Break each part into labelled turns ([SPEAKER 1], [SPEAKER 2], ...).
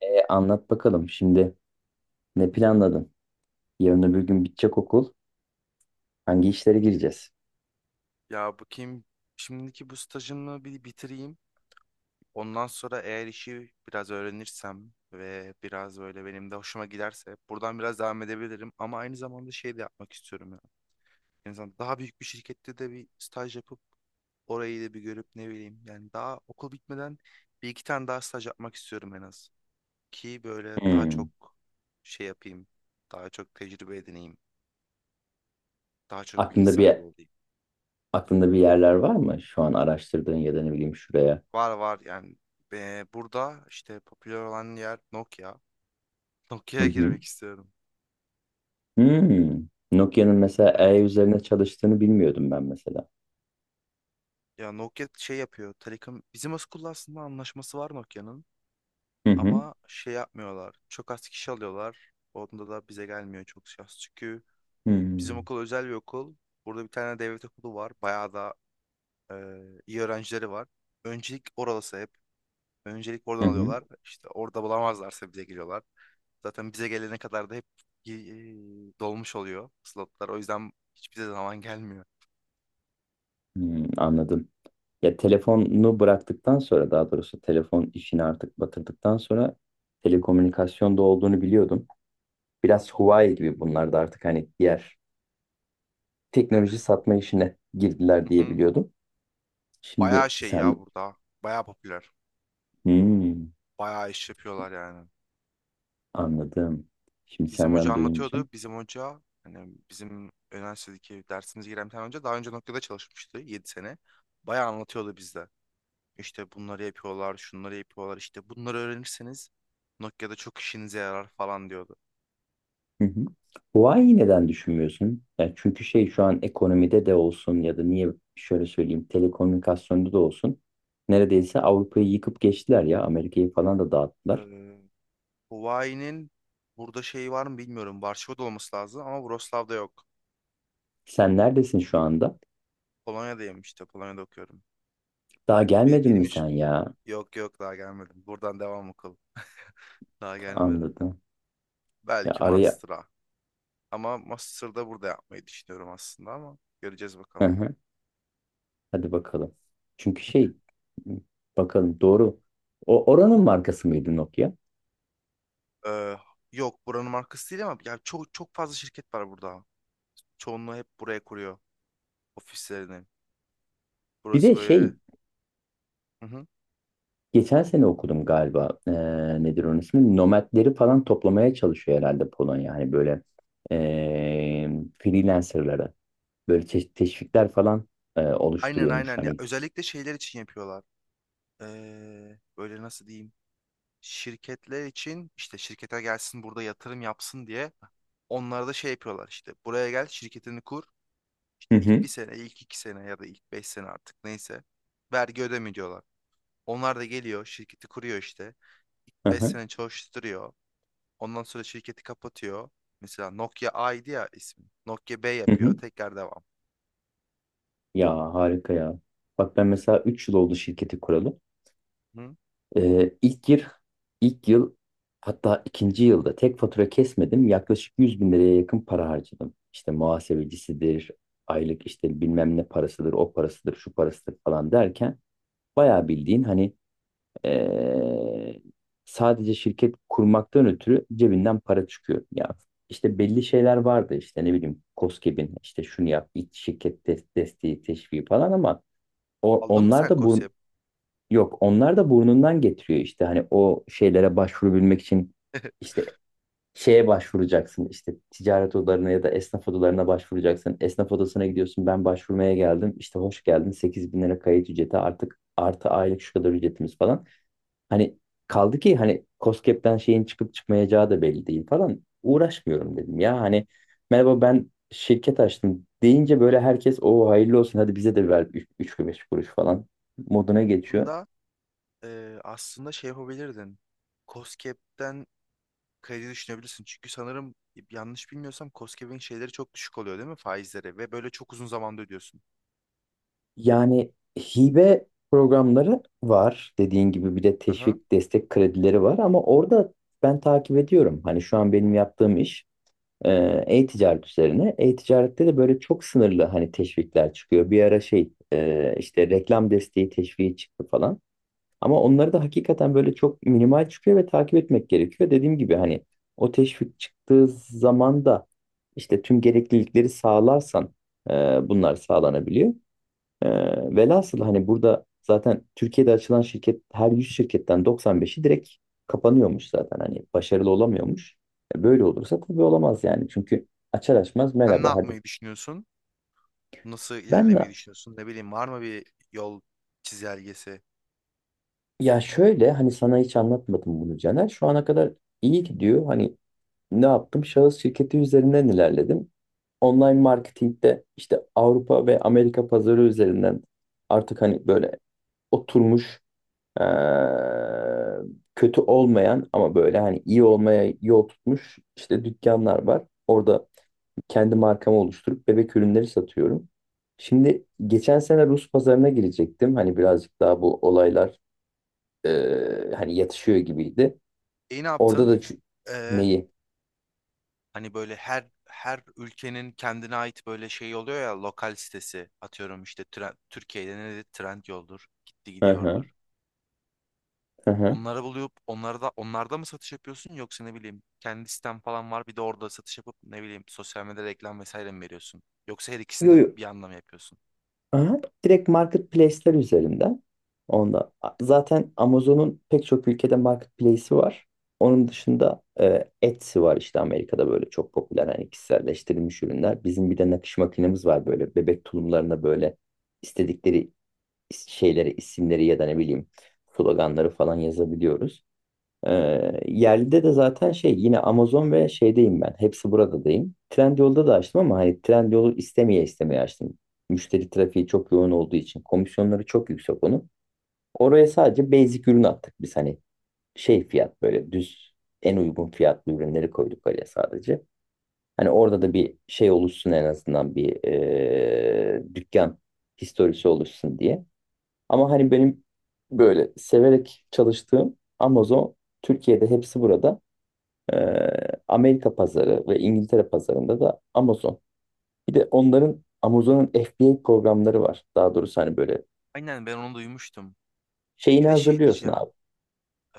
[SPEAKER 1] E, anlat bakalım şimdi ne planladın? Yarın öbür gün bitecek okul. Hangi işlere gireceğiz?
[SPEAKER 2] Ya bakayım, şimdiki bu stajımı bir bitireyim. Ondan sonra eğer işi biraz öğrenirsem ve biraz böyle benim de hoşuma giderse buradan biraz devam edebilirim. Ama aynı zamanda şey de yapmak istiyorum ya. En azından daha büyük bir şirkette de bir staj yapıp orayı da bir görüp ne bileyim. Yani daha okul bitmeden bir iki tane daha staj yapmak istiyorum en az. Ki böyle daha
[SPEAKER 1] Hmm.
[SPEAKER 2] çok şey yapayım. Daha çok tecrübe edineyim. Daha çok bilgi
[SPEAKER 1] Aklında bir
[SPEAKER 2] sahibi olayım.
[SPEAKER 1] aklında bir yerler var mı? Şu an araştırdığın ya da ne bileyim şuraya.
[SPEAKER 2] Var var yani. Burada işte popüler olan yer Nokia.
[SPEAKER 1] Hı
[SPEAKER 2] Nokia'ya
[SPEAKER 1] hı.
[SPEAKER 2] girmek istiyorum.
[SPEAKER 1] Hmm. Nokia'nın mesela
[SPEAKER 2] Evet.
[SPEAKER 1] üzerine çalıştığını bilmiyordum ben mesela.
[SPEAKER 2] Ya Nokia şey yapıyor. Telekom bizim Askull'la aslında anlaşması var Nokia'nın,
[SPEAKER 1] Hı hı.
[SPEAKER 2] ama şey yapmıyorlar. Çok az kişi alıyorlar. Onda da bize gelmiyor çok şans. Çünkü bizim
[SPEAKER 1] Hmm.
[SPEAKER 2] okul özel bir okul. Burada bir tane devlet okulu var. Bayağı da e, iyi öğrencileri var. Öncelik orası hep. Öncelik
[SPEAKER 1] Hı
[SPEAKER 2] oradan
[SPEAKER 1] hı.
[SPEAKER 2] alıyorlar. İşte orada bulamazlarsa bize geliyorlar. Zaten bize gelene kadar da hep e, dolmuş oluyor slotlar. O yüzden hiçbir zaman gelmiyor.
[SPEAKER 1] Hmm, anladım. Ya telefonu bıraktıktan sonra daha doğrusu telefon işini artık batırdıktan sonra telekomünikasyonda olduğunu biliyordum. Biraz Huawei gibi bunlar da artık hani diğer teknoloji satma işine girdiler
[SPEAKER 2] Hı
[SPEAKER 1] diye
[SPEAKER 2] hı.
[SPEAKER 1] biliyordum.
[SPEAKER 2] Bayağı
[SPEAKER 1] Şimdi
[SPEAKER 2] şey ya
[SPEAKER 1] sen...
[SPEAKER 2] burada. Bayağı popüler.
[SPEAKER 1] Hmm,
[SPEAKER 2] Bayağı iş yapıyorlar yani.
[SPEAKER 1] anladım. Şimdi
[SPEAKER 2] Bizim hoca
[SPEAKER 1] senden duyunca.
[SPEAKER 2] anlatıyordu. Bizim hoca hani bizim üniversitedeki dersimize giren bir tane hoca daha önce noktada çalışmıştı 7 sene. Bayağı anlatıyordu bizde. İşte bunları yapıyorlar, şunları yapıyorlar. İşte bunları öğrenirseniz Nokia'da çok işinize yarar falan diyordu.
[SPEAKER 1] Hı hı. Huawei'yi neden düşünmüyorsun? Yani çünkü şey şu an ekonomide de olsun ya da niye şöyle söyleyeyim telekomünikasyonda da olsun. Neredeyse Avrupa'yı yıkıp geçtiler ya. Amerika'yı falan da dağıttılar.
[SPEAKER 2] Ee, Huvai'nin burada şeyi var mı bilmiyorum. Varşova'da olması lazım ama Wrocław'da yok.
[SPEAKER 1] Sen neredesin şu anda?
[SPEAKER 2] Polonya'dayım işte. Polonya'da okuyorum.
[SPEAKER 1] Daha
[SPEAKER 2] Bir,
[SPEAKER 1] gelmedin mi
[SPEAKER 2] benim iş,
[SPEAKER 1] sen ya?
[SPEAKER 2] yok yok daha gelmedim. Buradan devam okul. Daha gelmedim.
[SPEAKER 1] Anladım. Ya
[SPEAKER 2] Belki
[SPEAKER 1] araya...
[SPEAKER 2] master'a. Ama master'da burada yapmayı düşünüyorum aslında, ama göreceğiz bakalım.
[SPEAKER 1] Hadi bakalım. Çünkü şey bakalım doğru. O oranın markası mıydı Nokia?
[SPEAKER 2] Ee, Yok, buranın markası değil ama ya çok çok fazla şirket var burada. Çoğunluğu hep buraya kuruyor ofislerini.
[SPEAKER 1] Bir
[SPEAKER 2] Burası
[SPEAKER 1] de şey
[SPEAKER 2] böyle. Hı hı.
[SPEAKER 1] geçen sene okudum galiba. Nedir onun ismi? Nomadleri falan toplamaya çalışıyor herhalde Polonya. Hani böyle ee, freelancerlara böyle teşvikler falan
[SPEAKER 2] Aynen
[SPEAKER 1] oluşturuyormuş.
[SPEAKER 2] aynen ya,
[SPEAKER 1] Hani.
[SPEAKER 2] özellikle şeyler için yapıyorlar. Böyle nasıl diyeyim? Şirketler için işte şirkete gelsin burada yatırım yapsın diye onlara da şey yapıyorlar, işte buraya gel şirketini kur, İşte
[SPEAKER 1] Hı
[SPEAKER 2] ilk
[SPEAKER 1] hı.
[SPEAKER 2] bir sene ilk iki sene ya da ilk beş sene artık neyse vergi ödeme diyorlar. Onlar da geliyor şirketi kuruyor, işte ilk
[SPEAKER 1] Hı
[SPEAKER 2] beş
[SPEAKER 1] hı.
[SPEAKER 2] sene çalıştırıyor, ondan sonra şirketi kapatıyor. Mesela Nokia A'ydı ya ismi, Nokia B
[SPEAKER 1] Hı
[SPEAKER 2] yapıyor
[SPEAKER 1] hı.
[SPEAKER 2] tekrar devam.
[SPEAKER 1] Ya harika ya. Bak ben mesela 3 yıl oldu şirketi kuralı.
[SPEAKER 2] Hı?
[SPEAKER 1] İlk yıl, ilk yıl hatta ikinci yılda tek fatura kesmedim. Yaklaşık 100 bin liraya yakın para harcadım. İşte muhasebecisidir, aylık işte bilmem ne parasıdır, o parasıdır, şu parasıdır falan derken bayağı bildiğin hani ee, sadece şirket kurmaktan ötürü cebinden para çıkıyor. Ya işte belli şeyler vardı işte ne bileyim KOSGEB'in işte şunu yap, ilk şirket desteği, teşviği falan ama o,
[SPEAKER 2] Aldın mı
[SPEAKER 1] onlar
[SPEAKER 2] sen
[SPEAKER 1] da
[SPEAKER 2] KOSGEB?
[SPEAKER 1] yok, onlar da burnundan getiriyor işte hani o şeylere başvurabilmek için işte şeye başvuracaksın işte ticaret odalarına ya da esnaf odalarına başvuracaksın. Esnaf odasına gidiyorsun, ben başvurmaya geldim işte, hoş geldin, 8 bin lira kayıt ücreti artık artı aylık şu kadar ücretimiz falan. Hani kaldı ki hani KOSGEB'den şeyin çıkıp çıkmayacağı da belli değil falan, uğraşmıyorum dedim ya hani, merhaba ben şirket açtım deyince böyle herkes o hayırlı olsun hadi bize de ver 3 kuruş falan moduna geçiyor.
[SPEAKER 2] Bunda aslında şey yapabilirdin. KOSGEB'den kredi düşünebilirsin. Çünkü sanırım, yanlış bilmiyorsam, KOSGEB'in şeyleri çok düşük oluyor değil mi, faizleri, ve böyle çok uzun zamanda ödüyorsun.
[SPEAKER 1] Yani hibe programları var dediğin gibi, bir de
[SPEAKER 2] Aha.
[SPEAKER 1] teşvik destek kredileri var ama orada ben takip ediyorum. Hani şu an benim yaptığım iş e, e-ticaret üzerine. E-ticarette de böyle çok sınırlı hani teşvikler çıkıyor. Bir ara şey işte reklam desteği teşviki çıktı falan. Ama onları da hakikaten böyle çok minimal çıkıyor ve takip etmek gerekiyor. Dediğim gibi hani o teşvik çıktığı zaman da işte tüm gereklilikleri sağlarsan e, bunlar sağlanabiliyor. Ee, velhasıl hani burada zaten Türkiye'de açılan şirket, her 100 şirketten 95'i direkt kapanıyormuş zaten, hani başarılı olamıyormuş. Böyle olursa tabii olamaz yani, çünkü açar açmaz
[SPEAKER 2] Sen ne
[SPEAKER 1] merhaba hadi.
[SPEAKER 2] yapmayı düşünüyorsun? Nasıl
[SPEAKER 1] Ben
[SPEAKER 2] ilerlemeyi
[SPEAKER 1] de
[SPEAKER 2] düşünüyorsun? Ne bileyim, var mı bir yol çizelgesi?
[SPEAKER 1] ya şöyle, hani sana hiç anlatmadım bunu Caner, şu ana kadar iyi gidiyor hani. Ne yaptım, şahıs şirketi üzerinden ilerledim. Online marketingde işte Avrupa ve Amerika pazarı üzerinden artık hani böyle oturmuş, Ee, kötü olmayan ama böyle hani iyi olmaya yol tutmuş işte dükkanlar var. Orada kendi markamı oluşturup bebek ürünleri satıyorum. Şimdi geçen sene Rus pazarına girecektim. Hani birazcık daha bu olaylar e, hani yatışıyor gibiydi.
[SPEAKER 2] E ne
[SPEAKER 1] Orada
[SPEAKER 2] yaptın?
[SPEAKER 1] da
[SPEAKER 2] Ee,
[SPEAKER 1] neyi?
[SPEAKER 2] Hani böyle her ülkenin kendine ait böyle şey oluyor ya, lokal sitesi, atıyorum işte Türkiye'de ne dedi? Trendyol'dur. Gitti
[SPEAKER 1] Hı hı.
[SPEAKER 2] gidiyordur.
[SPEAKER 1] Hı hı.
[SPEAKER 2] Onları bulup onlarda mı satış yapıyorsun, yoksa ne bileyim kendi sitem falan var bir de orada satış yapıp ne bileyim sosyal medyada reklam vesaire mi veriyorsun? Yoksa her ikisini
[SPEAKER 1] Yo,
[SPEAKER 2] de
[SPEAKER 1] yo.
[SPEAKER 2] bir anda mı yapıyorsun?
[SPEAKER 1] Aha, direkt marketplace'ler üzerinden. Onda zaten Amazon'un pek çok ülkede marketplace'i var. Onun dışında Etsy var, işte Amerika'da böyle çok popüler hani, kişiselleştirilmiş ürünler. Bizim bir de nakış makinemiz var, böyle bebek tulumlarına böyle istedikleri şeylere, isimleri ya da ne bileyim sloganları falan yazabiliyoruz. Yerlide de zaten şey yine Amazon ve şeydeyim ben. Hepsi buradadayım. Trendyol'da da açtım ama hani Trendyol'u istemeye istemeye açtım. Müşteri trafiği çok yoğun olduğu için komisyonları çok yüksek onun. Oraya sadece basic ürün attık biz, hani şey fiyat böyle düz, en uygun fiyatlı ürünleri koyduk oraya sadece. Hani orada da bir şey oluşsun en azından, bir dükkan historisi oluşsun diye. Ama hani benim böyle severek çalıştığım Amazon, Türkiye'de hepsi burada. Ee, Amerika pazarı ve İngiltere pazarında da Amazon. Bir de onların, Amazon'un FBA programları var. Daha doğrusu hani böyle
[SPEAKER 2] Aynen, ben onu duymuştum. Bir
[SPEAKER 1] şeyini
[SPEAKER 2] de şey
[SPEAKER 1] hazırlıyorsun
[SPEAKER 2] diyeceğim.
[SPEAKER 1] abi.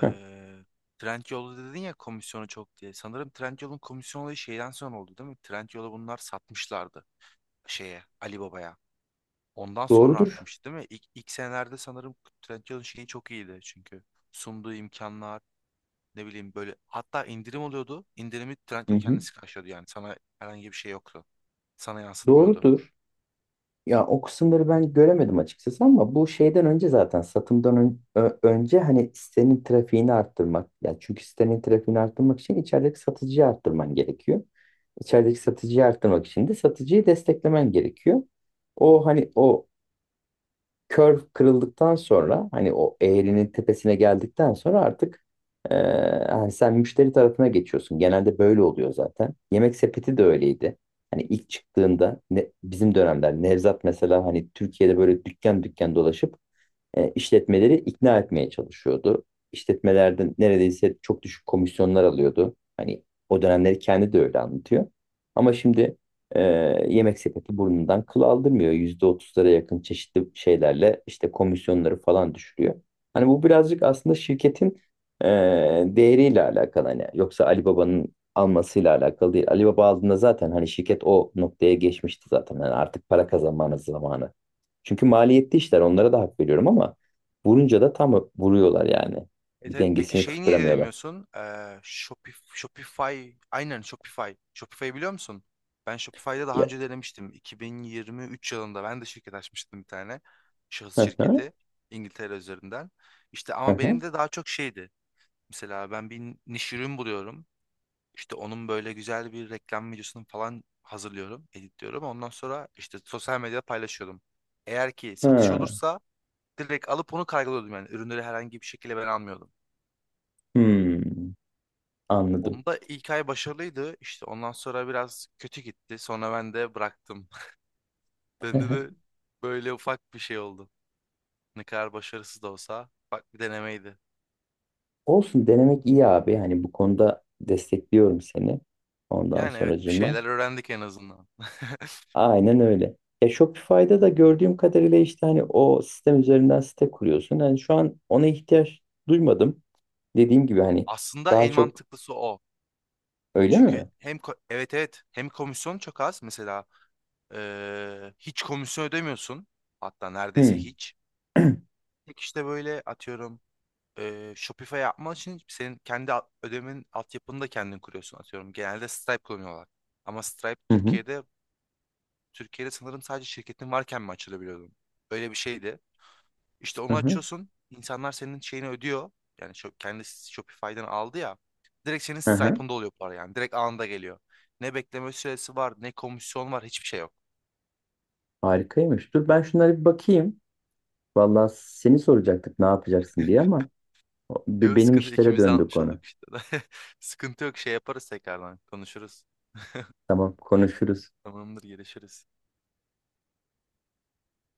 [SPEAKER 1] Heh,
[SPEAKER 2] Trendyol'da dedin ya komisyonu çok diye. Sanırım Trendyol'un komisyon olayı şeyden sonra oldu değil mi? Trendyol'u bunlar satmışlardı, şeye, Ali Baba'ya. Ondan sonra
[SPEAKER 1] doğrudur.
[SPEAKER 2] artmıştı değil mi? İlk senelerde sanırım Trendyol'un şeyi çok iyiydi, çünkü sunduğu imkanlar, ne bileyim böyle, hatta indirim oluyordu. İndirimi
[SPEAKER 1] Hı
[SPEAKER 2] Trendyol
[SPEAKER 1] hı.
[SPEAKER 2] kendisi karşılıyordu yani. Sana herhangi bir şey yoktu. Sana yansıtmıyordu.
[SPEAKER 1] Doğrudur. Ya o kısımları ben göremedim açıkçası, ama bu şeyden önce zaten, satımdan önce hani sitenin trafiğini arttırmak. Ya çünkü sitenin trafiğini arttırmak için içerideki satıcıyı arttırman gerekiyor. İçerideki satıcıyı arttırmak için de satıcıyı desteklemen gerekiyor. O hani o curve kırıldıktan sonra, hani o eğrinin tepesine geldikten sonra artık e, hani sen müşteri tarafına geçiyorsun. Genelde böyle oluyor zaten. Yemek sepeti de öyleydi. Hani ilk çıktığında ne, bizim dönemler, Nevzat mesela hani Türkiye'de böyle dükkan dükkan dolaşıp işletmeleri ikna etmeye çalışıyordu. İşletmelerden neredeyse çok düşük komisyonlar alıyordu. Hani o dönemleri kendi de öyle anlatıyor. Ama şimdi e, yemek sepeti burnundan kıl aldırmıyor. %30'lara yakın çeşitli şeylerle işte komisyonları falan düşürüyor. Hani bu birazcık aslında şirketin e, değeriyle alakalı, hani yoksa Ali Baba'nın almasıyla alakalı değil. Ali Baba aldığında zaten hani şirket o noktaya geçmişti zaten. Yani artık para kazanmanın zamanı, çünkü maliyetli işler, onlara da hak veriyorum ama vurunca da tam vuruyorlar yani.
[SPEAKER 2] Evet
[SPEAKER 1] Bir
[SPEAKER 2] evet. Peki
[SPEAKER 1] dengesini
[SPEAKER 2] şeyi niye
[SPEAKER 1] tutturamıyorlar.
[SPEAKER 2] denemiyorsun? Shopify. Aynen, Shopify. Shopify'ı biliyor musun? Ben Shopify'da daha
[SPEAKER 1] Ya.
[SPEAKER 2] önce denemiştim. 2023 yılında ben de şirket açmıştım bir tane. Şahıs
[SPEAKER 1] Hı hı,
[SPEAKER 2] şirketi. İngiltere üzerinden. İşte
[SPEAKER 1] hı
[SPEAKER 2] ama benim
[SPEAKER 1] hı,
[SPEAKER 2] de daha çok şeydi. Mesela ben bir niş ürün buluyorum. İşte onun böyle güzel bir reklam videosunu falan hazırlıyorum, editliyorum. Ondan sonra işte sosyal medyada paylaşıyordum. Eğer ki satış
[SPEAKER 1] hı.
[SPEAKER 2] olursa direkt alıp onu kaygılıyordum yani. Ürünleri herhangi bir şekilde ben almıyordum.
[SPEAKER 1] Hmm, anladım.
[SPEAKER 2] Onda ilk ay başarılıydı. İşte ondan sonra biraz kötü gitti. Sonra ben de bıraktım. Bende de böyle ufak bir şey oldu. Ne kadar başarısız da olsa ufak bir denemeydi.
[SPEAKER 1] Olsun, denemek iyi abi. Hani bu konuda destekliyorum seni. Ondan
[SPEAKER 2] Yani evet, bir
[SPEAKER 1] sonracığıma.
[SPEAKER 2] şeyler öğrendik en azından.
[SPEAKER 1] Aynen öyle. Shopify'da da gördüğüm kadarıyla işte hani o sistem üzerinden site kuruyorsun. Hani şu an ona ihtiyaç duymadım. Dediğim gibi hani
[SPEAKER 2] Aslında
[SPEAKER 1] daha
[SPEAKER 2] en
[SPEAKER 1] çok,
[SPEAKER 2] mantıklısı o.
[SPEAKER 1] öyle
[SPEAKER 2] Çünkü
[SPEAKER 1] mi?
[SPEAKER 2] hem evet evet, hem komisyon çok az mesela. Hiç komisyon ödemiyorsun. Hatta neredeyse
[SPEAKER 1] Hmm.
[SPEAKER 2] hiç. Tek işte böyle atıyorum, Shopify yapman için senin kendi ödemenin altyapını da kendin kuruyorsun atıyorum. Genelde Stripe kullanıyorlar. Ama Stripe
[SPEAKER 1] Hı hı.
[SPEAKER 2] Türkiye'de, sanırım sadece şirketin varken mi açılabiliyordun? Öyle bir şeydi. İşte
[SPEAKER 1] Hı
[SPEAKER 2] onu
[SPEAKER 1] hı.
[SPEAKER 2] açıyorsun. İnsanlar senin şeyini ödüyor. Yani şu, kendi Shopify'den aldı ya. Direkt senin
[SPEAKER 1] Hı hı.
[SPEAKER 2] Stripe'ında oluyor para yani. Direkt anında geliyor. Ne bekleme süresi var, ne komisyon var, hiçbir şey yok.
[SPEAKER 1] Harikaymış. Dur ben şunlara bir bakayım. Vallahi seni soracaktık ne yapacaksın diye ama
[SPEAKER 2] Yok
[SPEAKER 1] benim
[SPEAKER 2] sıkıntı,
[SPEAKER 1] işlere
[SPEAKER 2] ikimiz de
[SPEAKER 1] döndü
[SPEAKER 2] anlatmış
[SPEAKER 1] konu.
[SPEAKER 2] olduk işte. Sıkıntı yok, şey yaparız tekrardan konuşuruz.
[SPEAKER 1] Tamam konuşuruz.
[SPEAKER 2] Tamamdır, gelişiriz.